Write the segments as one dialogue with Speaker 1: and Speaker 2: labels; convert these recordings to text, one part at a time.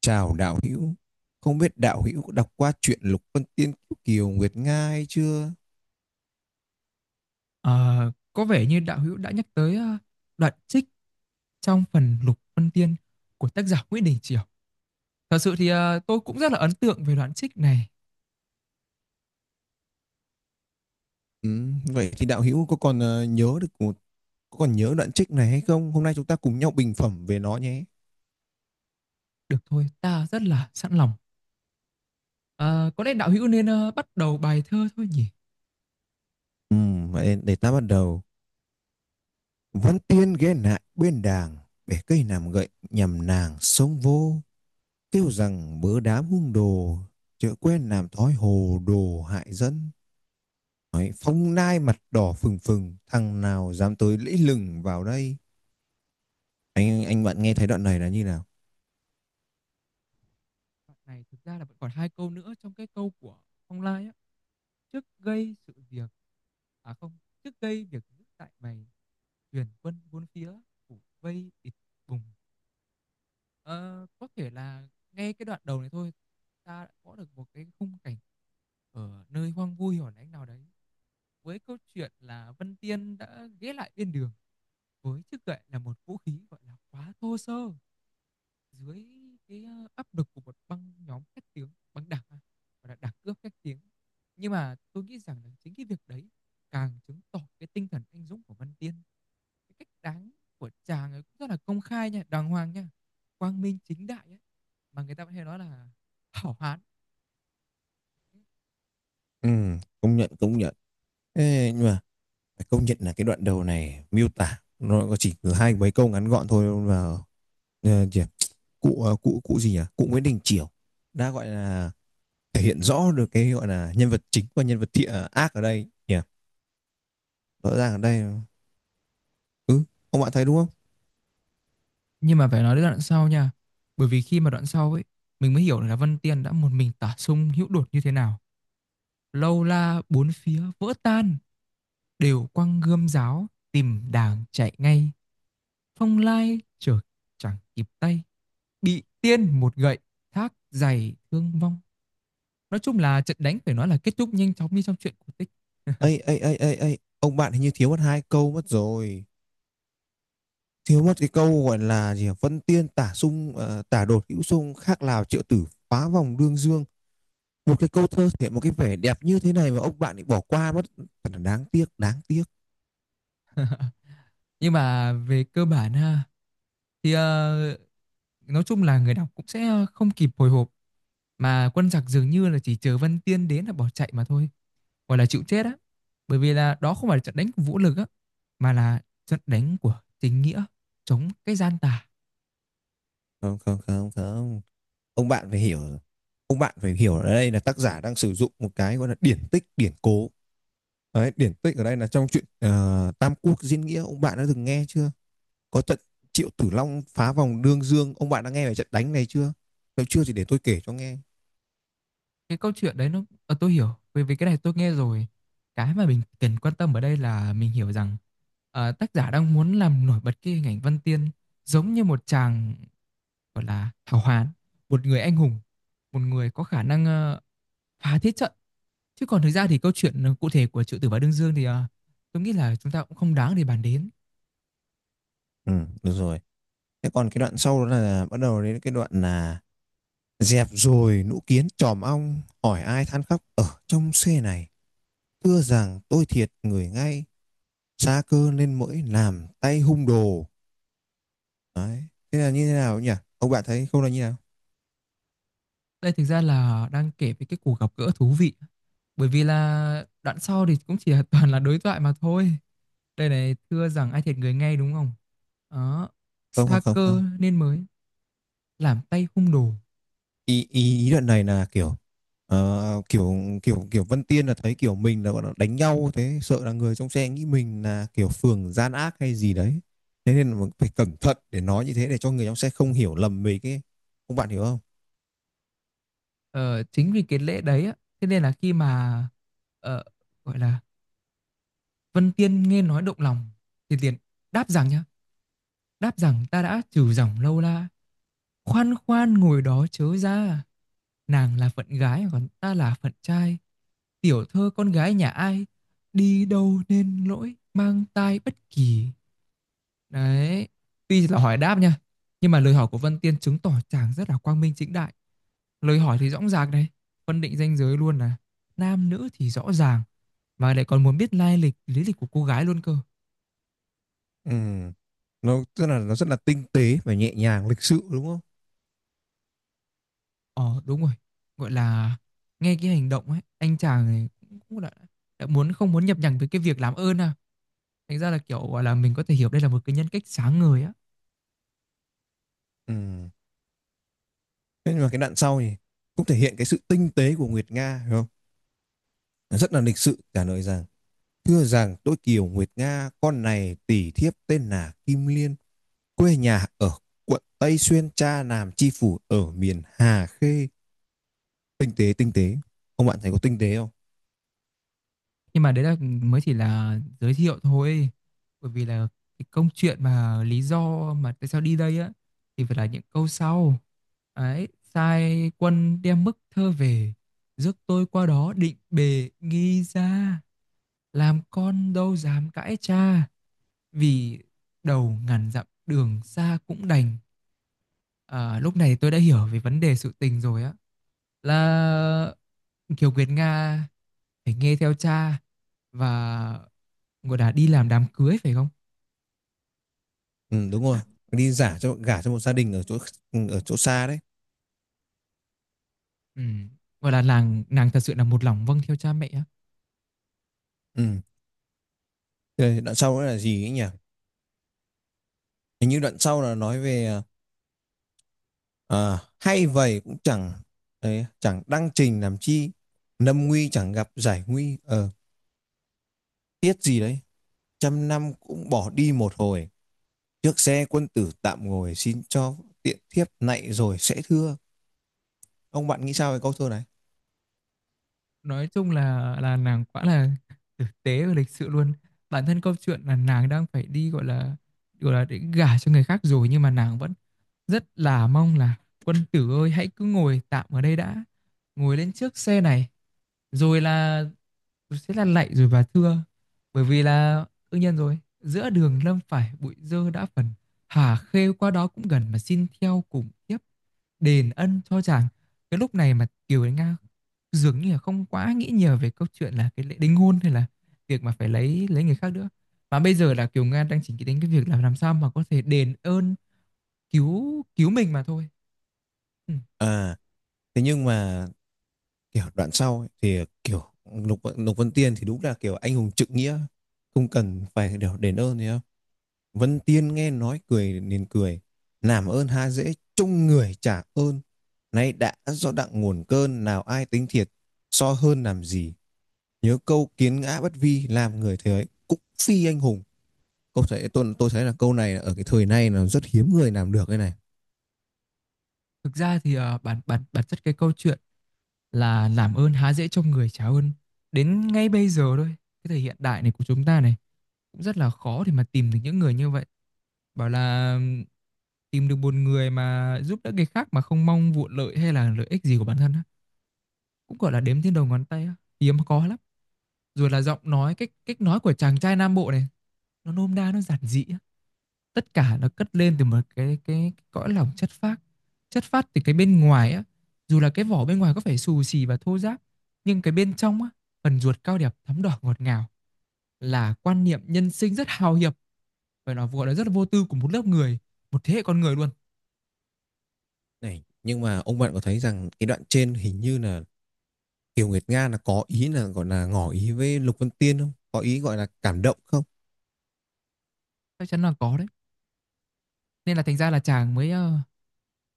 Speaker 1: Chào đạo hữu, không biết đạo hữu có đọc qua truyện Lục Vân Tiên Kiều, Kiều Nguyệt Nga hay chưa?
Speaker 2: Ờ, có vẻ như đạo hữu đã nhắc tới đoạn trích trong phần Lục Vân Tiên của tác giả Nguyễn Đình Chiểu. Thật sự thì tôi cũng rất là ấn tượng về đoạn trích này.
Speaker 1: Ừ, vậy thì đạo hữu có còn nhớ đoạn trích này hay không? Hôm nay chúng ta cùng nhau bình phẩm về nó nhé.
Speaker 2: Được thôi, ta rất là sẵn lòng. Ờ, có lẽ đạo hữu nên bắt đầu bài thơ thôi nhỉ?
Speaker 1: Ừ, vậy để, ta bắt đầu. Văn Tiên ghé lại bên đàng, bẻ cây làm gậy nhằm nàng sông vô, kêu rằng bớ đám hung đồ, chớ quen làm thói hồ đồ hại dân. Đấy, phong nai mặt đỏ phừng phừng, thằng nào dám tới lẫy lừng vào đây? Anh bạn nghe thấy đoạn này là như nào?
Speaker 2: Đoạn này thực ra là vẫn còn hai câu nữa trong cái câu của Phong Lai á. Trước gây sự việc, à không, trước gây việc giữ tại mày, tuyển quân bốn phía, phủ vây địch vùng. Ờ, có thể là ngay cái đoạn đầu này thôi, ta đã có được một cái khung cảnh ở nơi hoang vui hẻo lánh nào đấy, với câu chuyện là Vân Tiên đã ghé lại bên đường với chiếc gậy là một vũ khí gọi là quá thô sơ dưới cái áp lực của một băng nhóm khét tiếng, băng đảng, và gọi là đảng cướp khét tiếng. Nhưng mà tôi nghĩ rằng là chính cái việc đấy càng chứng tỏ cái tinh thần anh dũng của Văn Tiên. Cái cách đáng của chàng ấy cũng rất là công khai nha, đàng hoàng nha, quang minh chính đại ấy. Mà người ta vẫn hay nói là hảo hán.
Speaker 1: Ừ, công nhận công nhận. Ê, nhưng mà phải công nhận là cái đoạn đầu này miêu tả nó có chỉ có hai mấy câu ngắn gọn thôi mà, ờ, chỉ- cụ ờ, cụ cụ gì nhỉ cụ Nguyễn Đình Chiểu đã gọi là thể hiện rõ được cái gọi là nhân vật chính và nhân vật thiện ác ở đây nhỉ, rõ ràng ở đây. Ừ, ông bạn thấy đúng không?
Speaker 2: Nhưng mà phải nói đến đoạn sau nha, bởi vì khi mà đoạn sau ấy, mình mới hiểu là Văn Tiên đã một mình tả sung hữu đột như thế nào, lâu la bốn phía vỡ tan, đều quăng gươm giáo tìm đàng chạy ngay, phong lai chợt chẳng kịp tay, bị tiên một gậy thác dày thương vong. Nói chung là trận đánh phải nói là kết thúc nhanh chóng như trong truyện cổ tích.
Speaker 1: Ấy ấy ấy ấy ấy, ông bạn hình như thiếu mất hai câu mất rồi, thiếu mất cái câu gọi là gì nhỉ? Vân Tiên tả sung tả đột hữu sung khác Lào triệu tử phá vòng đương dương. Một cái câu thơ thể một cái vẻ đẹp như thế này mà ông bạn lại bỏ qua mất, thật là đáng tiếc, đáng tiếc.
Speaker 2: Nhưng mà về cơ bản ha, thì nói chung là người đọc cũng sẽ không kịp hồi hộp, mà quân giặc dường như là chỉ chờ Vân Tiên đến là bỏ chạy mà thôi, gọi là chịu chết á, bởi vì là đó không phải là trận đánh của vũ lực á, mà là trận đánh của chính nghĩa, chống cái gian tà.
Speaker 1: Không, không, không, không. Ông bạn phải hiểu, ông bạn phải hiểu ở đây là tác giả đang sử dụng một cái gọi là điển tích, điển cố. Đấy, điển tích ở đây là trong chuyện Tam Quốc Diễn Nghĩa, ông bạn đã từng nghe chưa? Có trận Triệu Tử Long phá vòng Đương Dương, ông bạn đã nghe về trận đánh này chưa? Nếu chưa thì để tôi kể cho nghe.
Speaker 2: Cái câu chuyện đấy nó tôi hiểu, bởi vì cái này tôi nghe rồi. Cái mà mình cần quan tâm ở đây là mình hiểu rằng tác giả đang muốn làm nổi bật cái hình ảnh Văn Tiên giống như một chàng gọi là hào hán, một người anh hùng, một người có khả năng phá thiết trận. Chứ còn thực ra thì câu chuyện cụ thể của Triệu Tử và Đương Dương thì tôi nghĩ là chúng ta cũng không đáng để bàn đến.
Speaker 1: Ừ, được rồi. Thế còn cái đoạn sau đó là bắt đầu đến cái đoạn là: Dẹp rồi nũ kiến tròm ong, hỏi ai than khóc ở trong xe này. Thưa rằng tôi thiệt người ngay, xa cơ nên mỗi làm tay hung đồ. Đấy. Thế là như thế nào nhỉ? Ông bạn thấy không là như thế nào?
Speaker 2: Đây thực ra là đang kể về cái cuộc gặp gỡ thú vị. Bởi vì là đoạn sau thì cũng chỉ là toàn là đối thoại mà thôi. Đây này, thưa rằng ai thiệt người ngay, đúng không? Đó,
Speaker 1: Không, không,
Speaker 2: xa
Speaker 1: không, không.
Speaker 2: cơ nên mới làm tay hung đồ.
Speaker 1: Ý, ý, ý đoạn này là kiểu ờ, kiểu kiểu Vân Tiên là thấy kiểu mình là gọi là đánh nhau thế sợ là người trong xe nghĩ mình là kiểu phường gian ác hay gì đấy, thế nên là phải cẩn thận để nói như thế để cho người trong xe không hiểu lầm mình ấy, ông bạn hiểu không?
Speaker 2: Ờ, Chính vì cái lễ đấy á, thế nên là khi mà ờ, gọi là Vân Tiên nghe nói động lòng thì liền đáp rằng nhá, đáp rằng ta đã trừ dòng lâu la. Khoan khoan ngồi đó chớ ra, nàng là phận gái còn ta là phận trai, tiểu thơ con gái nhà ai, đi đâu nên lỗi mang tai bất kỳ. Đấy, tuy là hỏi đáp nha, nhưng mà lời hỏi của Vân Tiên chứng tỏ chàng rất là quang minh chính đại. Lời hỏi thì rõ ràng này, phân định ranh giới luôn là nam nữ thì rõ ràng, mà lại còn muốn biết lai lịch, lý lịch của cô gái luôn cơ.
Speaker 1: Ừ. Nó tức là nó rất là tinh tế và nhẹ nhàng lịch sự đúng không?
Speaker 2: Ờ, đúng rồi. Gọi là, nghe cái hành động ấy, anh chàng này cũng cũng đã muốn không muốn nhập nhằng với cái việc làm ơn à. Thành ra là, kiểu, gọi là, mình có thể hiểu đây là một cái nhân cách sáng ngời á.
Speaker 1: Ừ. Thế nhưng mà cái đoạn sau thì cũng thể hiện cái sự tinh tế của Nguyệt Nga hiểu không? Nó rất là lịch sự trả lời rằng: thưa rằng tôi Kiều Nguyệt Nga, con này tỷ thiếp tên là Kim Liên, quê nhà ở quận Tây Xuyên, cha làm chi phủ ở miền Hà Khê. Tinh tế tinh tế, ông bạn thấy có tinh tế không?
Speaker 2: Nhưng mà đấy là mới chỉ là giới thiệu thôi, bởi vì là cái câu chuyện mà lý do mà tại sao đi đây á, thì phải là những câu sau. Ấy, sai quân đem bức thơ về, rước tôi qua đó định bề nghi ra, làm con đâu dám cãi cha. Vì đầu ngàn dặm đường xa cũng đành. À, lúc này tôi đã hiểu về vấn đề sự tình rồi á. Là Kiều Nguyệt Nga phải nghe theo cha và gọi là đi làm đám cưới phải không?
Speaker 1: Ừ, đúng rồi, đi giả cho gả cho một gia đình ở chỗ, ở chỗ xa đấy.
Speaker 2: Ừ. Gọi là nàng nàng thật sự là một lòng vâng theo cha mẹ á.
Speaker 1: Ừ. Thế đoạn sau nữa là gì ấy nhỉ? Hình như đoạn sau là nói về, hay vậy cũng chẳng, đấy, chẳng đăng trình làm chi, lâm nguy chẳng gặp giải nguy tiếc gì đấy, trăm năm cũng bỏ đi một hồi, trước xe quân tử tạm ngồi xin cho, tiện thiếp nạy rồi sẽ thưa. Ông bạn nghĩ sao về câu thơ này?
Speaker 2: Nói chung là nàng quá là thực tế và lịch sự luôn. Bản thân câu chuyện là nàng đang phải đi gọi là để gả cho người khác rồi, nhưng mà nàng vẫn rất là mong là quân tử ơi hãy cứ ngồi tạm ở đây đã, ngồi lên trước xe này, rồi là sẽ là lạy rồi và thưa. Bởi vì là đương nhiên rồi, giữa đường lâm phải bụi dơ đã phần, hà khê qua đó cũng gần, mà xin theo cùng tiếp đền ân cho chàng. Cái lúc này mà Kiều Đến Nga dường như là không quá nghĩ nhiều về câu chuyện là cái lễ đính hôn, hay là việc mà phải lấy người khác nữa, mà bây giờ là Kiều Nga đang chỉ nghĩ đến cái việc là làm sao mà có thể đền ơn cứu cứu mình mà thôi. Ừ.
Speaker 1: À, thế nhưng mà kiểu đoạn sau ấy, thì kiểu Lục Lục Vân Tiên thì đúng là kiểu anh hùng trượng nghĩa, không cần phải kiểu đền ơn gì không. Vân Tiên nghe nói cười nên cười. Làm ơn há dễ, chung người trả ơn. Nay đã do đặng nguồn cơn, nào ai tính thiệt, so hơn làm gì. Nhớ câu kiến ngã bất vi, làm người thế ấy, cũng phi anh hùng. Câu thấy, tôi thấy là câu này ở cái thời nay là rất hiếm người làm được cái này.
Speaker 2: Thực ra thì ờ, bản bản bản chất cái câu chuyện là làm ơn há dễ trong người trả ơn, đến ngay bây giờ thôi, cái thời hiện đại này của chúng ta này, cũng rất là khó để mà tìm được những người như vậy. Bảo là tìm được một người mà giúp đỡ người khác mà không mong vụ lợi hay là lợi ích gì của bản thân á, cũng gọi là đếm trên đầu ngón tay á, hiếm có lắm. Rồi là giọng nói cách cách nói của chàng trai Nam Bộ này, nó nôm na nó giản dị, tất cả nó cất lên từ một cái cõi lòng chất phác, chất phát từ cái bên ngoài á, dù là cái vỏ bên ngoài có phải xù xì và thô ráp, nhưng cái bên trong á, phần ruột cao đẹp thắm đỏ ngọt ngào, là quan niệm nhân sinh rất hào hiệp, phải nói gọi là rất là vô tư của một lớp người, một thế hệ con người luôn.
Speaker 1: Này, nhưng mà ông bạn có thấy rằng cái đoạn trên hình như là Kiều Nguyệt Nga là có ý là gọi là ngỏ ý với Lục Vân Tiên không? Có ý gọi là cảm động không?
Speaker 2: Chắc chắn là có đấy. Nên là thành ra là chàng mới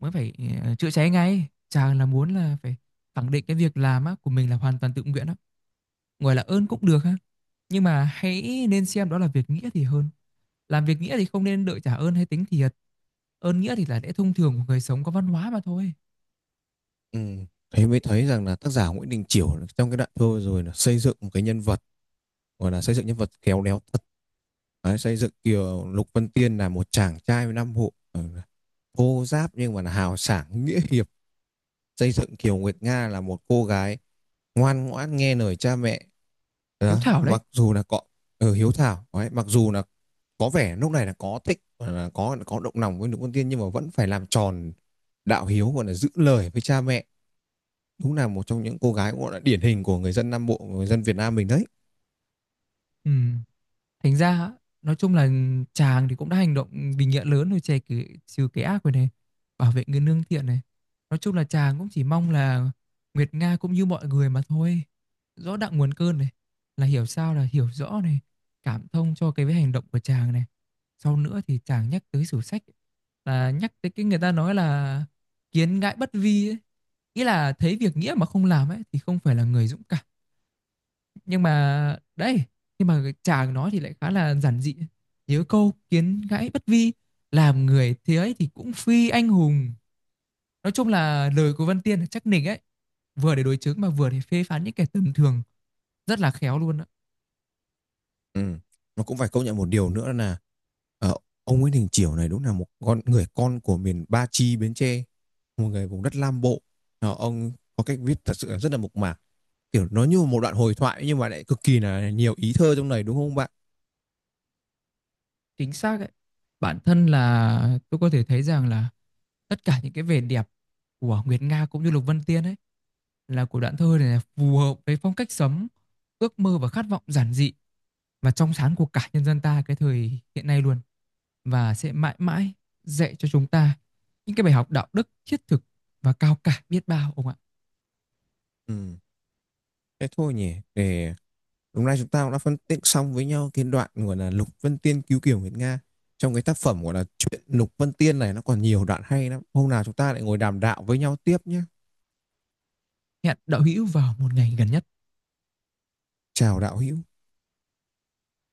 Speaker 2: mới phải chữa cháy ngay, chàng là muốn là phải khẳng định cái việc làm á của mình là hoàn toàn tự nguyện á. Gọi là ơn cũng được ha, nhưng mà hãy nên xem đó là việc nghĩa thì hơn. Làm việc nghĩa thì không nên đợi trả ơn hay tính thiệt. Ơn nghĩa thì là lẽ thông thường của người sống có văn hóa mà thôi.
Speaker 1: Ừ. Thế mới thấy rằng là tác giả Nguyễn Đình Chiểu trong cái đoạn thơ rồi là xây dựng một cái nhân vật, gọi là xây dựng nhân vật khéo léo thật. Đấy, xây dựng kiểu Lục Vân Tiên là một chàng trai với năm hộ, ừ, thô giáp nhưng mà là hào sảng nghĩa hiệp, xây dựng Kiều Nguyệt Nga là một cô gái ngoan ngoãn nghe lời cha mẹ
Speaker 2: Hiếu
Speaker 1: đó.
Speaker 2: thảo đấy.
Speaker 1: Mặc dù là có, ừ, hiếu thảo. Đấy, mặc dù là có vẻ lúc này là có thích là có động lòng với Lục Vân Tiên nhưng mà vẫn phải làm tròn đạo hiếu, gọi là giữ lời với cha mẹ, đúng là một trong những cô gái cũng gọi là điển hình của người dân Nam Bộ, người dân Việt Nam mình đấy.
Speaker 2: Ừ. Thành ra á, nói chung là chàng thì cũng đã hành động vì nghĩa lớn rồi, chè cái, trừ cái ác rồi này, bảo vệ người nương thiện này. Nói chung là chàng cũng chỉ mong là Nguyệt Nga cũng như mọi người mà thôi. Rõ đặng nguồn cơn này, là hiểu sao là hiểu rõ này, cảm thông cho cái với hành động của chàng này. Sau nữa thì chàng nhắc tới sử sách, là nhắc tới cái người ta nói là kiến ngãi bất vi ấy. Ý là thấy việc nghĩa mà không làm ấy thì không phải là người dũng cảm, nhưng mà đấy, nhưng mà chàng nó thì lại khá là giản dị. Nhớ câu kiến gãy bất vi, làm người thế ấy thì cũng phi anh hùng. Nói chung là lời của Văn Tiên là chắc nịch ấy, vừa để đối chứng mà vừa để phê phán những kẻ tầm thường, rất là khéo luôn á.
Speaker 1: Ừ. Nó cũng phải công nhận một điều nữa là, ờ, ông Nguyễn Đình Chiểu này đúng là một con người con của miền Ba Chi Bến Tre, một người vùng đất Nam Bộ. Ông có cách viết thật sự là rất là mộc mạc, kiểu nó như một đoạn hồi thoại nhưng mà lại cực kỳ là nhiều ý thơ trong này đúng không bạn?
Speaker 2: Chính xác ấy. Bản thân là tôi có thể thấy rằng là tất cả những cái vẻ đẹp của Nguyệt Nga cũng như Lục Vân Tiên ấy, là của đoạn thơ này, là phù hợp với phong cách sống, ước mơ và khát vọng giản dị và trong sáng của cả nhân dân ta cái thời hiện nay luôn, và sẽ mãi mãi dạy cho chúng ta những cái bài học đạo đức thiết thực và cao cả biết bao ông ạ.
Speaker 1: Ừ. Thế thôi nhỉ, để đúng ra chúng ta cũng đã phân tích xong với nhau cái đoạn gọi là Lục Vân Tiên cứu Kiều Nguyệt Nga. Trong cái tác phẩm gọi là chuyện Lục Vân Tiên này nó còn nhiều đoạn hay lắm. Hôm nào chúng ta lại ngồi đàm đạo với nhau tiếp nhé.
Speaker 2: Hẹn đạo hữu vào một ngày gần nhất.
Speaker 1: Chào đạo hữu.